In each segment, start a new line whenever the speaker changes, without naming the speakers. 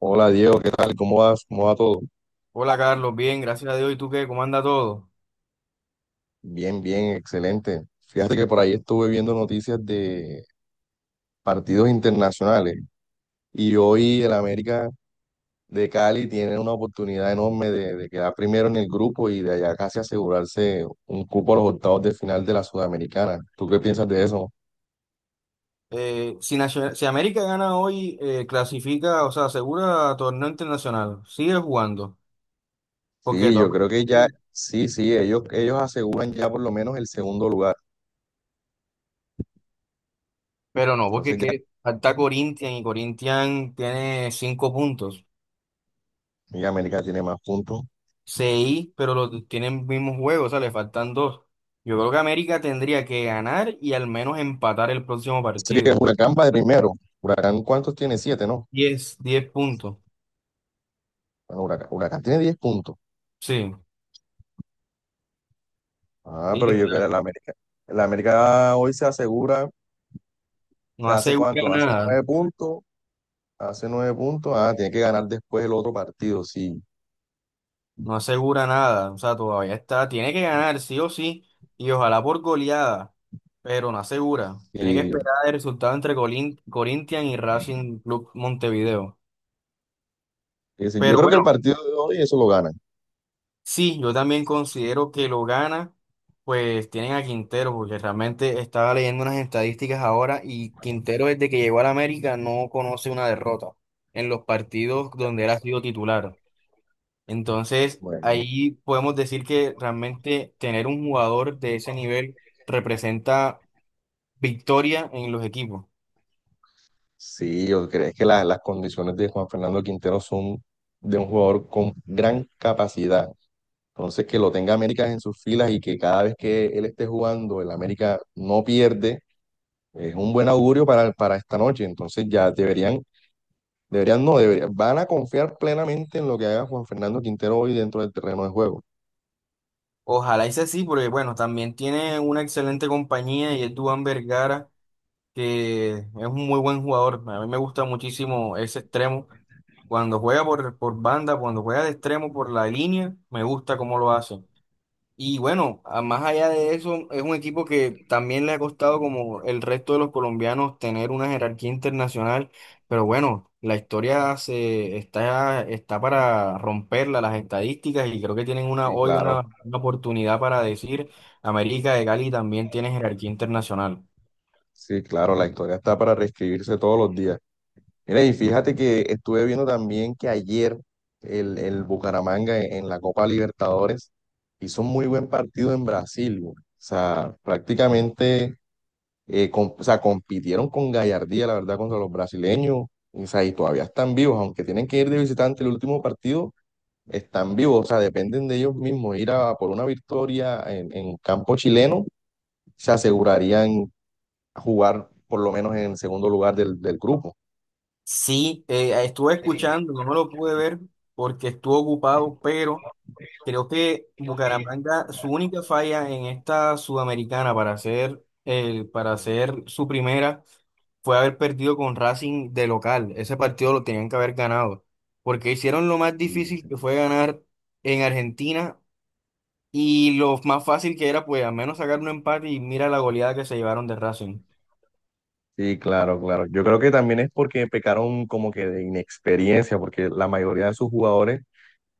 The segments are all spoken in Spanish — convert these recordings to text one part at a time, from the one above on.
Hola Diego, ¿qué tal? ¿Cómo vas? ¿Cómo va todo?
Hola Carlos, bien, gracias a Dios. ¿Y tú qué? ¿Cómo anda todo?
Bien, bien, excelente. Fíjate que por ahí estuve viendo noticias de partidos internacionales y hoy el América de Cali tiene una oportunidad enorme de quedar primero en el grupo y de allá casi asegurarse un cupo a los octavos de final de la Sudamericana. ¿Tú qué piensas de eso?
Si, si América gana hoy, clasifica, o sea, asegura torneo internacional. Sigue jugando. ¿Por qué?
Sí, yo
Toma.
creo que ya, sí, sí, ellos aseguran ya por lo menos el segundo lugar.
Pero no, porque
Entonces
es
ya,
que falta Corinthians y Corinthians tiene cinco puntos.
ya América tiene más puntos.
Seis, pero los tienen mismos juegos, o sea, le faltan dos. Yo creo que América tendría que ganar y al menos empatar el próximo
Sería que
partido.
Huracán va de primero. Huracán, ¿cuántos tiene? Siete, ¿no?
10, 10 puntos.
Bueno, Huracán tiene 10 puntos.
Sí,
Ah, pero
sí,
yo creo que
claro.
la América hoy se asegura,
No
¿se hace
asegura
cuánto? Hace
nada.
9 puntos, hace 9 puntos. Ah, tiene que ganar después el otro partido, sí.
No asegura nada, o sea, todavía está, tiene que ganar sí o sí, y ojalá por goleada, pero no asegura. Tiene que
Sí,
esperar el resultado entre Corinthians y Racing Club Montevideo.
sí. Sí. Yo
Pero
creo que
bueno,
el partido de hoy eso lo ganan.
sí, yo también considero que lo gana, pues tienen a Quintero, porque realmente estaba leyendo unas estadísticas ahora y Quintero desde que llegó a la América no conoce una derrota en los partidos donde él ha sido titular. Entonces,
Bueno,
ahí podemos decir que realmente tener un jugador de ese nivel representa victoria en los equipos.
sí, yo creo que las condiciones de Juan Fernando Quintero son de un jugador con gran capacidad. Entonces, que lo tenga América en sus filas y que cada vez que él esté jugando, el América no pierde, es un buen augurio para esta noche. Entonces, ya deberían. Deberían, no, deberían, van a confiar plenamente en lo que haga Juan Fernando Quintero hoy dentro del terreno de juego.
Ojalá sea así, porque bueno, también tiene una excelente compañía y es Duván Vergara, que es un muy buen jugador. A mí me gusta muchísimo ese extremo. Cuando juega por banda, cuando juega de extremo por la línea, me gusta cómo lo hace. Y bueno, más allá de eso, es un equipo que también le ha costado, como el resto de los colombianos, tener una jerarquía internacional. Pero bueno, la historia está para romperla, las estadísticas, y creo que tienen una,
Y
hoy
claro,
una, una oportunidad para decir, América de Cali también tiene jerarquía internacional.
sí, claro, la historia está para reescribirse todos los días. Mira, y fíjate que estuve viendo también que ayer el Bucaramanga en la Copa Libertadores hizo un muy buen partido en Brasil, güey. O sea, prácticamente, o sea, compitieron con gallardía, la verdad, contra los brasileños. O sea, y todavía están vivos, aunque tienen que ir de visitante el último partido están vivos, o sea, dependen de ellos mismos. Ir a por una victoria en campo chileno, se asegurarían jugar por lo menos en el segundo lugar del grupo.
Sí, estuve escuchando, no me lo pude ver porque estuve ocupado, pero creo que Bucaramanga, su única falla en esta Sudamericana para hacer su primera fue haber perdido con Racing de local. Ese partido lo tenían que haber ganado, porque hicieron lo más difícil que fue ganar en Argentina y lo más fácil que era, pues al menos sacar un empate y mira la goleada que se llevaron de Racing.
Sí, claro, claro. Yo creo que también es porque pecaron como que de inexperiencia, porque la mayoría de sus jugadores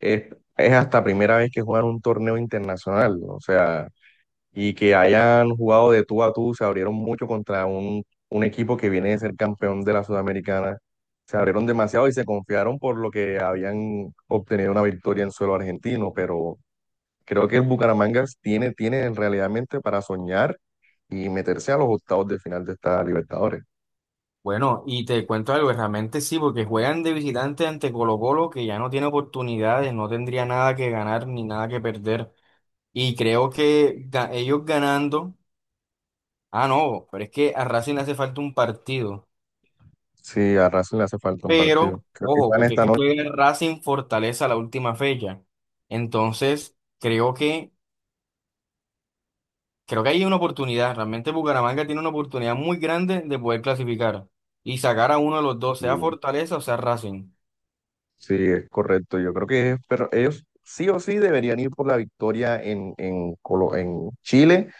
es, es hasta primera vez que juegan un torneo internacional, ¿no? O sea, y que hayan jugado de tú a tú, se abrieron mucho contra un equipo que viene de ser campeón de la Sudamericana. Se abrieron demasiado y se confiaron por lo que habían obtenido una victoria en suelo argentino, pero creo que el Bucaramanga tiene realmente para soñar y meterse a los octavos de final de esta Libertadores.
Bueno, y te cuento algo, realmente sí, porque juegan de visitante ante Colo Colo, que ya no tiene oportunidades, no tendría nada que ganar ni nada que perder. Y creo que ellos ganando, ah, no, pero es que a Racing le hace falta un partido.
Sí, a Racing le hace falta un partido.
Pero,
Creo que
ojo,
van
porque es
esta
que
noche.
juega Racing Fortaleza la última fecha. Entonces, creo que hay una oportunidad. Realmente Bucaramanga tiene una oportunidad muy grande de poder clasificar y sacar a uno de los dos, sea
y
Fortaleza o sea Racing.
Sí, es correcto. Yo creo que pero ellos sí o sí deberían ir por la victoria en Chile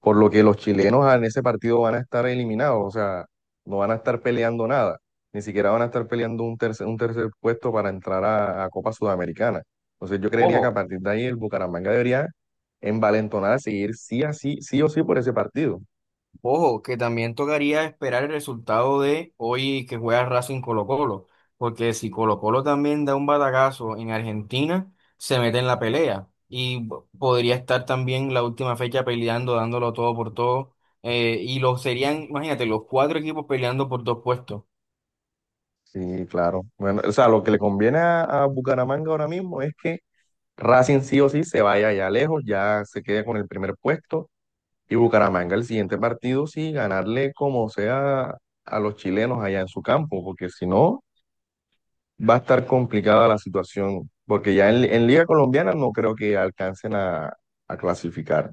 por lo que los chilenos en ese partido van a estar eliminados, o sea, no van a estar peleando nada, ni siquiera van a estar peleando un tercer puesto para entrar a Copa Sudamericana. Entonces yo creería que a
ojo
partir de ahí el Bucaramanga debería envalentonarse y ir sí, a sí, sí o sí por ese partido.
Ojo, que también tocaría esperar el resultado de hoy que juega Racing Colo-Colo, porque si Colo-Colo también da un batacazo en Argentina, se mete en la pelea y podría estar también la última fecha peleando, dándolo todo por todo, y lo serían, imagínate, los cuatro equipos peleando por dos puestos.
Sí, claro. Bueno, o sea, lo que le conviene a Bucaramanga ahora mismo es que Racing sí o sí se vaya allá lejos, ya se quede con el primer puesto. Y Bucaramanga el siguiente partido sí, ganarle como sea a los chilenos allá en su campo, porque si no, va a estar complicada la situación, porque ya en Liga Colombiana no creo que alcancen a clasificar.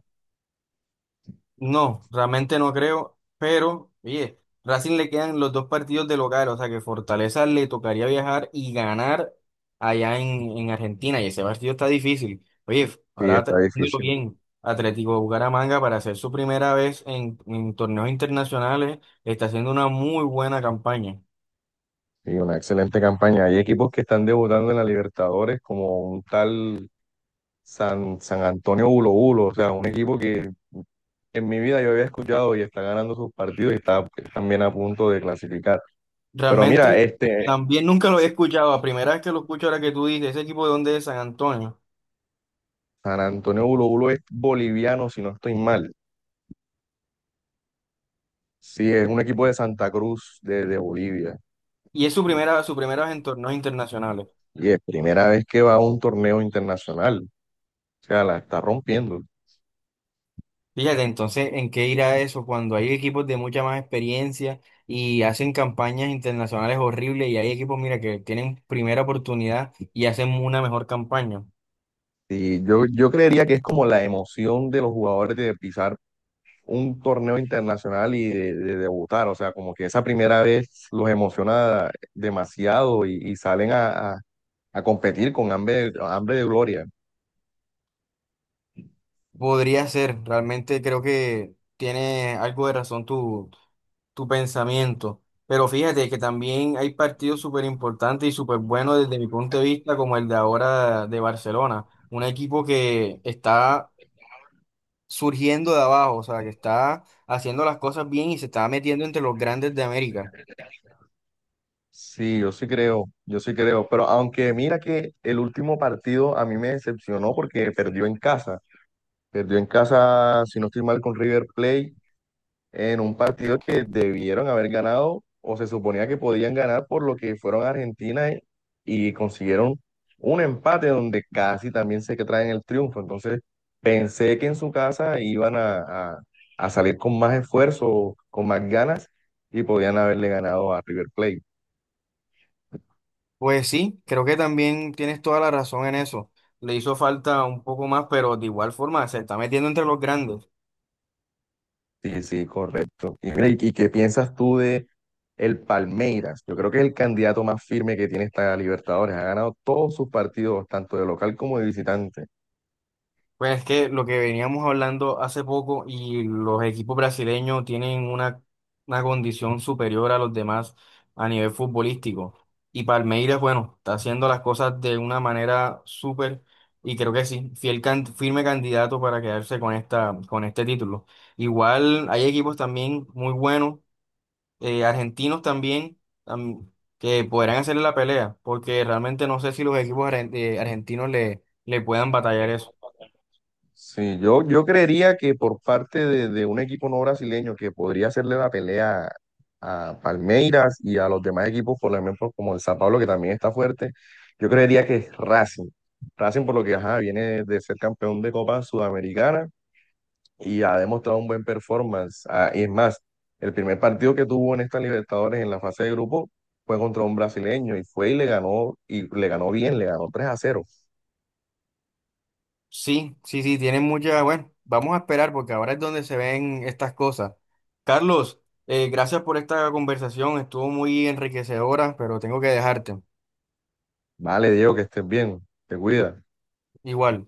No, realmente no creo, pero oye, Racing le quedan los dos partidos de local, o sea que Fortaleza le tocaría viajar y ganar allá en Argentina, y ese partido está difícil. Oye,
Sí,
ahora
está
pensándolo
difícil.
bien, Atlético de Bucaramanga para hacer su primera vez en torneos internacionales está haciendo una muy buena campaña.
Sí, una excelente campaña. Hay equipos que están debutando en la Libertadores, como un tal San Antonio Bulo Bulo, o sea, un equipo que en mi vida yo había escuchado y está ganando sus partidos y está también a punto de clasificar. Pero mira,
Realmente también nunca lo había escuchado, la primera vez que lo escucho ahora que tú dices, ese equipo de dónde es San Antonio,
San Antonio Bulo Bulo es boliviano, si no estoy mal. Sí, es un equipo de Santa Cruz, de Bolivia.
y es su primera vez en torneos internacionales.
Y es primera vez que va a un torneo internacional. O sea, la está rompiendo.
Fíjate, entonces, ¿en qué irá eso cuando hay equipos de mucha más experiencia y hacen campañas internacionales horribles y hay equipos, mira, que tienen primera oportunidad y hacen una mejor campaña?
Y yo creería que es como la emoción de los jugadores de pisar un torneo internacional y de debutar. O sea, como que esa primera vez los emociona demasiado y salen a competir con hambre, hambre de gloria.
Podría ser, realmente creo que tiene algo de razón tu pensamiento, pero fíjate que también hay partidos súper importantes y súper buenos desde mi punto de vista, como el de ahora de Barcelona, un equipo que está surgiendo de abajo, o sea, que está haciendo las cosas bien y se está metiendo entre los grandes de América.
Sí, yo sí creo, pero aunque mira que el último partido a mí me decepcionó porque perdió en casa, si no estoy mal, con River Plate, en un partido que debieron haber ganado o se suponía que podían ganar por lo que fueron a Argentina y consiguieron un empate donde casi también se que traen el triunfo, entonces pensé que en su casa iban a salir con más esfuerzo, con más ganas y podían haberle ganado a River Plate.
Pues sí, creo que también tienes toda la razón en eso. Le hizo falta un poco más, pero de igual forma se está metiendo entre los grandes.
Sí, sí, correcto. Y, mira, ¿y qué piensas tú de el Palmeiras? Yo creo que es el candidato más firme que tiene esta Libertadores. Ha ganado todos sus partidos, tanto de local como de visitante.
Pues es que lo que veníamos hablando hace poco y los equipos brasileños tienen una condición superior a los demás a nivel futbolístico. Y Palmeiras, bueno, está haciendo las cosas de una manera súper y creo que sí, fiel firme candidato para quedarse con esta, con este título. Igual hay equipos también muy buenos, argentinos también, am- que podrán hacerle la pelea, porque realmente no sé si los equipos argentinos le puedan batallar eso.
Sí, yo creería que por parte de un equipo no brasileño que podría hacerle la pelea a Palmeiras y a los demás equipos, por ejemplo, como el San Pablo, que también está fuerte, yo creería que es Racing. Racing, por lo que ajá, viene de ser campeón de Copa Sudamericana y ha demostrado un buen performance. Ah, y es más, el primer partido que tuvo en esta Libertadores en la fase de grupo fue contra un brasileño y fue y le ganó bien, le ganó 3-0.
Sí, sí, sí, tienen mucha. Bueno, vamos a esperar porque ahora es donde se ven estas cosas. Carlos, gracias por esta conversación, estuvo muy enriquecedora, pero tengo que dejarte.
Vale, Diego, que estés bien, te cuida.
Igual.